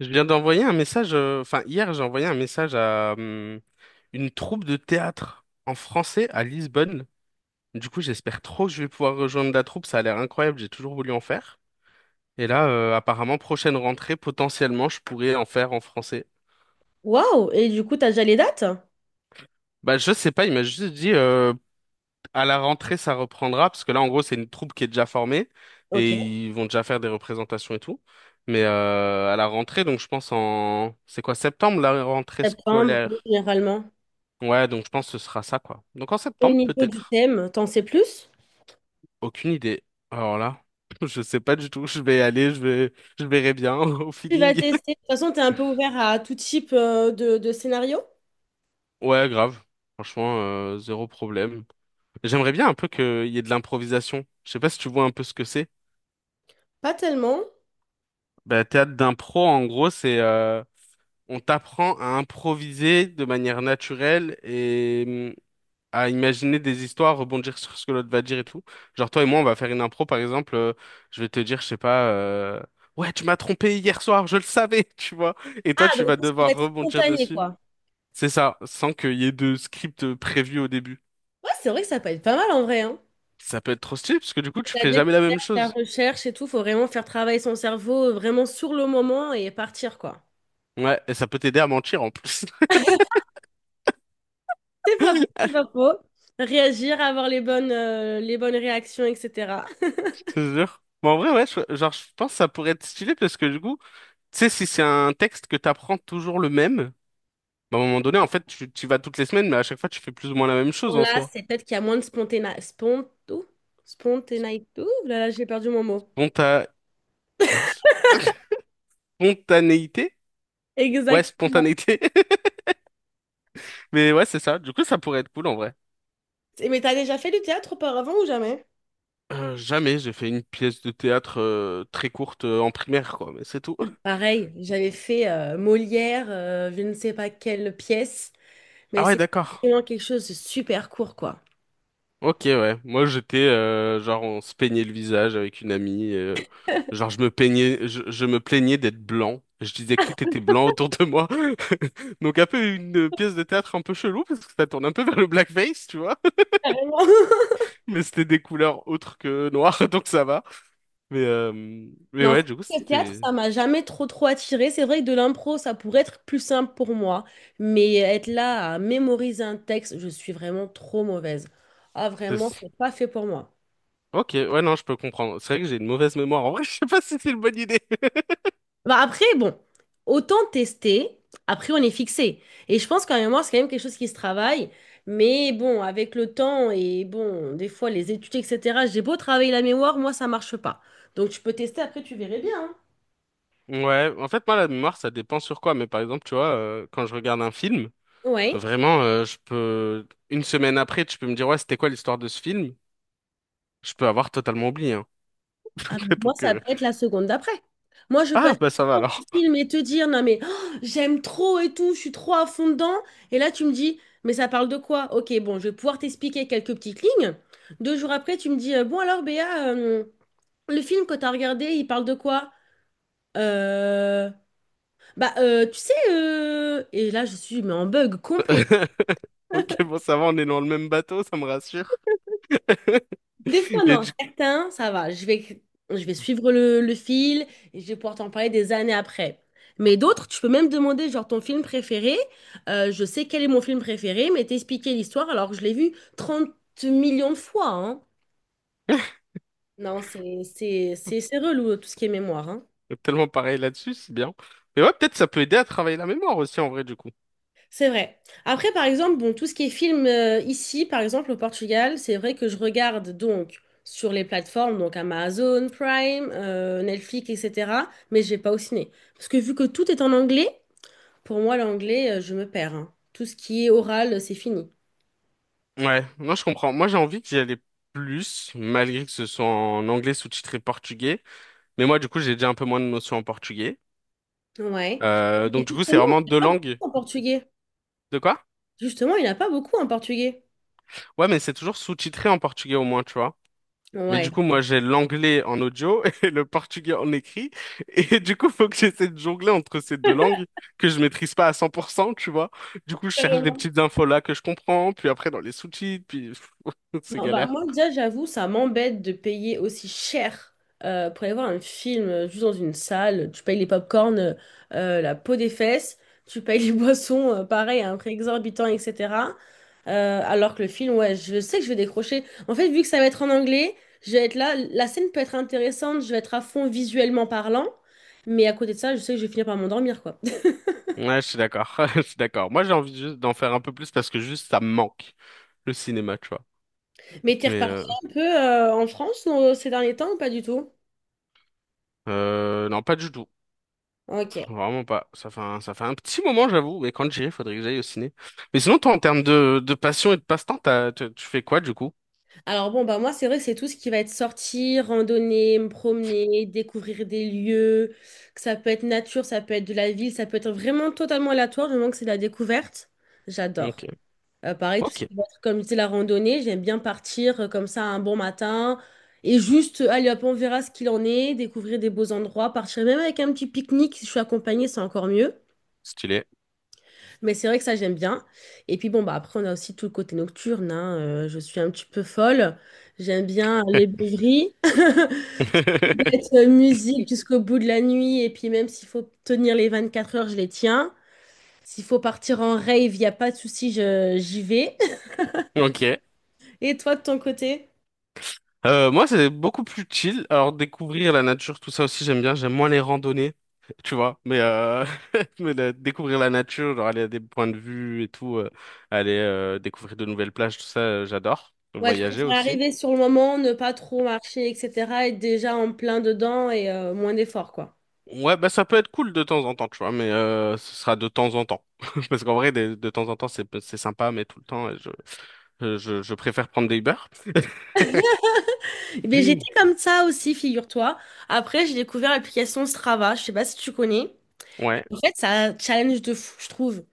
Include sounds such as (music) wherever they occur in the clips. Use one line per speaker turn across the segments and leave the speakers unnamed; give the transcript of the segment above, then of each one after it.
Je viens d'envoyer un message, enfin hier j'ai envoyé un message à une troupe de théâtre en français à Lisbonne. Du coup j'espère trop que je vais pouvoir rejoindre la troupe, ça a l'air incroyable, j'ai toujours voulu en faire. Et là apparemment prochaine rentrée potentiellement je pourrais en faire en français.
Waouh! Et du coup, t'as déjà les dates?
Bah je sais pas, il m'a juste dit à la rentrée ça reprendra parce que là en gros c'est une troupe qui est déjà formée et
Ok.
ils vont déjà faire des représentations et tout. Mais à la rentrée donc je pense en c'est quoi septembre la rentrée
Septembre,
scolaire?
généralement.
Ouais, donc je pense que ce sera ça, quoi. Donc en
Au
septembre,
niveau du
peut-être.
thème, t'en sais plus?
Aucune idée. Alors là, (laughs) je sais pas du tout. Je vais aller, je vais, Je verrai bien (laughs) au
Tu vas
feeling.
tester. De toute façon, t'es un peu ouvert à tout type de scénario?
Ouais, grave. Franchement, zéro problème. J'aimerais bien un peu qu'il y ait de l'improvisation. Je sais pas si tu vois un peu ce que c'est.
Pas tellement.
Bah, théâtre d'impro, en gros, c'est on t'apprend à improviser de manière naturelle et hum, à imaginer des histoires, rebondir sur ce que l'autre va dire et tout. Genre toi et moi, on va faire une impro, par exemple, je vais te dire, je sais pas, ouais, tu m'as trompé hier soir, je le savais, (laughs) tu vois. Et toi,
Ah,
tu vas
donc tout ce qui va
devoir
être
rebondir
spontané,
dessus.
quoi.
C'est ça, sans qu'il y ait de script prévu au début.
Ouais, c'est vrai que ça peut être pas mal en vrai, hein.
Ça peut être trop stylé, parce que du coup, tu
La
fais
découverte,
jamais la même
la
chose.
recherche et tout, faut vraiment faire travailler son cerveau vraiment sur le moment et partir, quoi.
Ouais, et ça peut t'aider à mentir en plus.
C'est
(laughs)
pas faux, c'est
Je
pas faux. Réagir, avoir les bonnes réactions, etc.
te jure. Mais en vrai, ouais, genre, je pense que ça pourrait être stylé parce que du coup, tu sais, si c'est un texte que t'apprends toujours le même. Bah, à un moment donné, en fait, tu y vas toutes les semaines, mais à chaque fois, tu fais plus ou moins la même
Bon,
chose en
là,
soi.
c'est peut-être qu'il y a moins de spontanéité. Ouh là là, j'ai perdu mon mot.
Sponta... Ouais, (laughs) spontanéité? Ouais,
Exactement.
spontanéité. (laughs) Mais ouais, c'est ça. Du coup, ça pourrait être cool en vrai.
Mais t'as déjà fait du théâtre auparavant ou jamais?
Jamais j'ai fait une pièce de théâtre très courte en primaire, quoi, mais c'est tout.
Pareil, j'avais fait Molière, je ne sais pas quelle pièce, mais
Ah ouais,
c'est
d'accord.
vraiment quelque chose de super court, quoi.
Ok, ouais. Moi, j'étais genre on se peignait le visage avec une amie. Genre je me peignais, je me plaignais d'être blanc. Je disais que tout était blanc autour de moi. (laughs) Donc un peu une pièce de théâtre un peu chelou parce que ça tourne un peu vers le blackface, tu vois.
Carrément. (laughs)
(laughs) Mais c'était des couleurs autres que noires, (laughs) donc ça va. Mais euh, mais
Non,
ouais, du coup
le théâtre,
c'était.
ça m'a jamais trop trop attiré. C'est vrai que de l'impro, ça pourrait être plus simple pour moi, mais être là à mémoriser un texte, je suis vraiment trop mauvaise. Ah, vraiment,
c'est-
c'est pas fait pour moi.
Ok, ouais, non, je peux comprendre. C'est vrai que j'ai une mauvaise mémoire. En vrai, (laughs) je sais pas si c'est une bonne idée.
Bah après, bon, autant tester, après on est fixé. Et je pense qu'en mémoire, c'est quand même quelque chose qui se travaille. Mais bon, avec le temps et bon, des fois les études, etc., j'ai beau travailler la mémoire, moi ça marche pas. Donc tu peux tester, après tu verrais bien.
Ouais, en fait, moi, la mémoire, ça dépend sur quoi. Mais par exemple, tu vois, quand je regarde un film.
Hein. Ouais.
Vraiment, je peux une semaine après, tu peux me dire ouais, c'était quoi l'histoire de ce film? Je peux avoir totalement oublié, hein.
Ah, mais
(laughs)
moi,
Donc
ça peut être la seconde d'après. Moi, je peux
ah
être
bah ça va
en
alors.
film et te dire, non mais oh, j'aime trop et tout, je suis trop à fond dedans. Et là, tu me dis, mais ça parle de quoi? Ok, bon, je vais pouvoir t'expliquer quelques petites lignes. Deux jours après, tu me dis, bon alors Béa, le film que t'as regardé, il parle de quoi? Euh, Bah, tu sais, et là, je suis mais en bug complet.
(laughs) Ok, bon ça va, on est dans le même bateau, ça me rassure.
Des fois,
(laughs) Et
non,
du
certains, ça va. Je vais suivre le fil et je vais pouvoir t'en parler des années après. Mais d'autres, tu peux même demander, genre, ton film préféré. Je sais quel est mon film préféré, mais t'expliquer l'histoire alors que je l'ai vu 30 millions de fois, hein. Non, c'est relou, tout ce qui est mémoire, hein.
tellement pareil là-dessus, c'est bien. Mais ouais, peut-être ça peut aider à travailler la mémoire aussi en vrai du coup.
C'est vrai. Après, par exemple, bon, tout ce qui est film ici, par exemple au Portugal, c'est vrai que je regarde donc sur les plateformes, donc Amazon Prime, Netflix, etc. Mais je vais pas au ciné. Parce que vu que tout est en anglais, pour moi, l'anglais, je me perds. Hein. Tout ce qui est oral, c'est fini.
Ouais, non, je comprends. Moi, j'ai envie d'y aller plus, malgré que ce soit en anglais sous-titré portugais. Mais moi, du coup, j'ai déjà un peu moins de notions en portugais.
Ouais. Et
Donc du coup, c'est
justement,
vraiment
il n'y
deux
a pas beaucoup
langues.
en portugais.
De quoi?
Justement, il n'y en a pas beaucoup en portugais.
Ouais, mais c'est toujours sous-titré en portugais au moins, tu vois. Mais
Ouais.
du coup, moi, j'ai l'anglais en audio (laughs) et le portugais en écrit. Et du coup, faut que j'essaie de jongler entre ces deux langues que je maîtrise pas à 100%, tu vois. Du coup, je cherche des petites infos là que je comprends, puis après dans les sous-titres, puis (laughs) c'est
Non, bah
galère.
moi déjà j'avoue ça m'embête de payer aussi cher pour aller voir un film juste dans une salle. Tu payes les pop-corn, la peau des fesses, tu payes les (laughs) boissons, pareil, à un prix exorbitant, etc. Alors que le film, ouais, je sais que je vais décrocher. En fait, vu que ça va être en anglais, je vais être là, la scène peut être intéressante, je vais être à fond visuellement parlant, mais à côté de ça, je sais que je vais finir par m'endormir, quoi. (laughs)
Ouais, je suis d'accord. (laughs) Je suis d'accord. Moi, j'ai envie juste d'en faire un peu plus parce que juste ça me manque, le cinéma, tu vois.
Mais t'es
Mais
reparti
euh,
un peu en France ces derniers temps ou pas du tout?
non, pas du tout.
Ok.
Vraiment pas. Ça fait un petit moment, j'avoue. Et quand j'irai, faudrait que j'aille au ciné. Mais sinon, toi, en termes de passion et de passe-temps, tu fais quoi, du coup?
Alors bon, bah moi, c'est vrai que c'est tout ce qui va être sortir, randonner, me promener, découvrir des lieux, que ça peut être nature, ça peut être de la ville, ça peut être vraiment totalement aléatoire, du moment que c'est de la découverte, j'adore.
Ok.
Pareil, tout ce
Ok.
qui va être, comme je disais, la randonnée, j'aime bien partir comme ça un bon matin et juste, allez hop, on verra ce qu'il en est, découvrir des beaux endroits, partir même avec un petit pique-nique, si je suis accompagnée, c'est encore mieux.
Stylé.
Mais c'est vrai que ça, j'aime bien. Et puis bon, bah après, on a aussi tout le côté nocturne, hein. Je suis un petit peu folle. J'aime bien les beuveries, (laughs) mettre
(laughs)
musique jusqu'au bout de la nuit. Et puis même s'il faut tenir les 24 heures, je les tiens. S'il faut partir en rave, il n'y a pas de souci, j'y vais. (laughs)
Ok.
Et toi, de ton côté?
Moi, c'est beaucoup plus chill. Alors, découvrir la nature, tout ça aussi, j'aime bien. J'aime moins les randonnées, tu vois. Mais, (laughs) découvrir la nature, genre aller à des points de vue et tout, aller découvrir de nouvelles plages, tout ça, j'adore.
Ouais, je
Voyager
préfère
aussi.
arriver sur le moment, ne pas trop marcher, etc. Être déjà en plein dedans et moins d'efforts, quoi.
Ouais, bah ça peut être cool de temps en temps, tu vois, mais ce sera de temps en temps. (laughs) Parce qu'en vrai, de temps en temps, c'est sympa, mais tout le temps, je préfère prendre des Uber.
Mais j'étais
(clears throat)
comme ça aussi, figure-toi. Après, j'ai découvert l'application Strava. Je sais pas si tu connais.
Mm. Ouais,
En fait, c'est un challenge de fou, je trouve.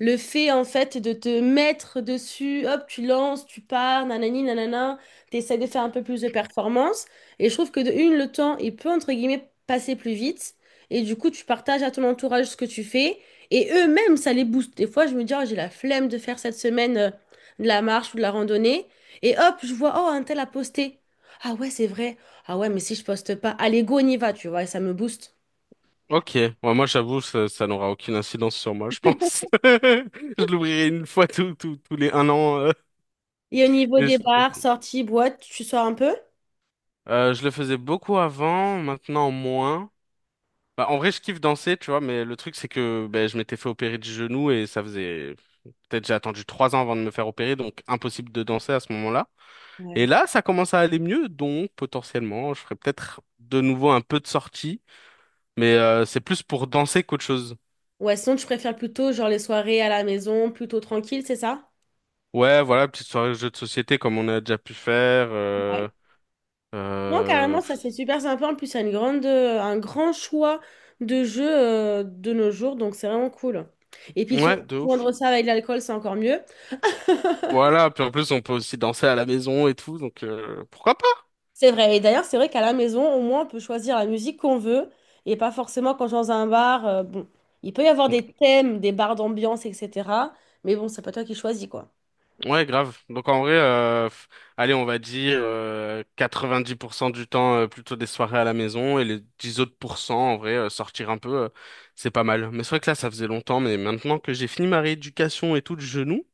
Le fait, en fait, de te mettre dessus, hop, tu lances, tu pars, nanani, nanana, t'essaies de faire un peu plus de performance. Et je trouve que de une, le temps, il peut, entre guillemets, passer plus vite. Et du coup, tu partages à ton entourage ce que tu fais. Et eux-mêmes, ça les booste. Des fois, je me dis, oh, j'ai la flemme de faire cette semaine de la marche ou de la randonnée. Et hop, je vois, oh, un tel a posté. Ah ouais, c'est vrai. Ah ouais, mais si je poste pas, allez, go, on y va, tu vois, et ça me booste.
ok. Ouais, moi, j'avoue, ça n'aura aucune incidence sur moi, je pense. (laughs) Je l'ouvrirai une fois tous les un an.
Et au niveau
Et
des bars, sorties, boîtes, tu sors un peu?
je le faisais beaucoup avant, maintenant moins. Bah, en vrai, je kiffe danser, tu vois, mais le truc, c'est que ben je m'étais fait opérer du genou et ça faisait... Peut-être j'ai attendu 3 ans avant de me faire opérer, donc impossible de danser à ce moment-là. Et
Ouais.
là, ça commence à aller mieux, donc potentiellement, je ferai peut-être de nouveau un peu de sortie, mais c'est plus pour danser qu'autre chose.
Ouais, sinon tu préfères plutôt genre les soirées à la maison, plutôt tranquille, c'est ça?
Ouais, voilà, petite soirée de jeux de société comme on a déjà pu faire.
Ouais. Non,
Euh,
carrément, ça c'est super sympa. En plus, il y a un grand choix de jeux de nos jours, donc c'est vraiment cool. Et puis, surtout,
ouais, de ouf.
joindre ça avec l'alcool, c'est encore mieux.
Voilà, puis en plus, on peut aussi danser à la maison et tout, donc pourquoi pas?
C'est vrai. Et d'ailleurs, c'est vrai qu'à la maison, au moins, on peut choisir la musique qu'on veut et pas forcément quand je suis dans un bar. Bon, il peut y avoir des thèmes, des bars d'ambiance, etc. Mais bon, c'est pas toi qui choisis, quoi.
Ouais, grave. Donc en vrai, allez, on va dire 90% du temps plutôt des soirées à la maison et les 10 autres pourcents, en vrai, sortir un peu, c'est pas mal. Mais c'est vrai que là, ça faisait longtemps, mais maintenant que j'ai fini ma rééducation et tout de genou,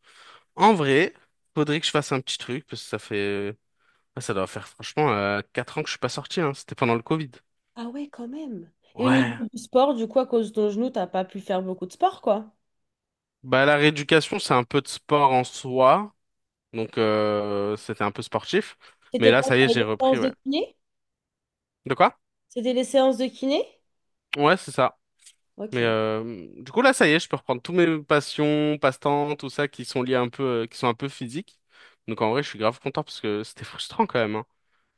en vrai, faudrait que je fasse un petit truc parce que ça fait, ah, ça doit faire franchement 4 ans que je suis pas sorti, hein. C'était pendant le Covid.
Ah ouais, quand même. Et au
Ouais.
niveau du sport, du coup, à cause de ton genou, t'as pas pu faire beaucoup de sport, quoi.
Bah la rééducation, c'est un peu de sport en soi, donc c'était un peu sportif. Mais
C'était
là,
quoi?
ça y est,
T'avais
j'ai
les
repris,
séances de
ouais.
kiné?
De quoi?
C'était les séances de kiné?
Ouais, c'est ça.
Ok.
Du coup là ça y est, je peux reprendre tous mes passions, passe-temps, tout ça qui sont liés un peu, qui sont un peu physiques. Donc en vrai je suis grave content parce que c'était (laughs) frustrant quand même, hein.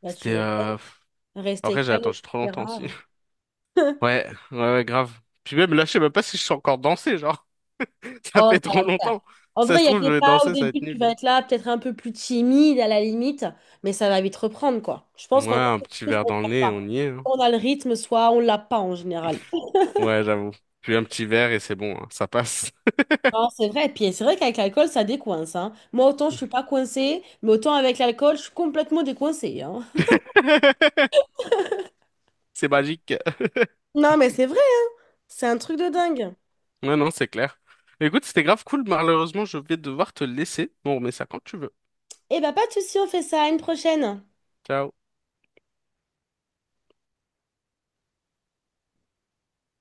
Là, tu
C'était
mets
pff.
rester
Après j'ai
calme,
attendu trop longtemps aussi.
etc.
(laughs) Ouais, ouais, ouais, grave. Puis même là je sais même pas si je suis encore dansé, genre (laughs) ça
Oh,
fait
ça
trop
va le faire.
longtemps.
En
Si ça
vrai, il
se
y a
trouve je
des
vais
pas au
danser, ça va
début,
être
tu vas
nul.
être là, peut-être un peu plus timide à la limite, mais ça va vite reprendre, quoi. Je pense
Ouais,
qu'en vrai,
un
c'est quelque
petit
chose
verre
qu'on ne
dans le
perd
nez, on
pas.
y est, hein.
Soit on a le rythme, soit on l'a pas en général.
Ouais, j'avoue. Puis un petit verre et c'est bon, hein, ça passe.
Non, c'est vrai. Et puis c'est vrai qu'avec l'alcool, ça décoince, hein. Moi, autant je suis pas coincée, mais autant avec l'alcool, je suis complètement décoincée, hein.
(laughs) C'est magique.
Non, mais c'est vrai, c'est un truc de dingue.
Ouais, non, c'est clair. Écoute, c'était grave cool. Malheureusement, je vais devoir te laisser. Bon, mais ça quand tu veux.
Eh bah, pas de souci, on fait ça à une prochaine.
Ciao.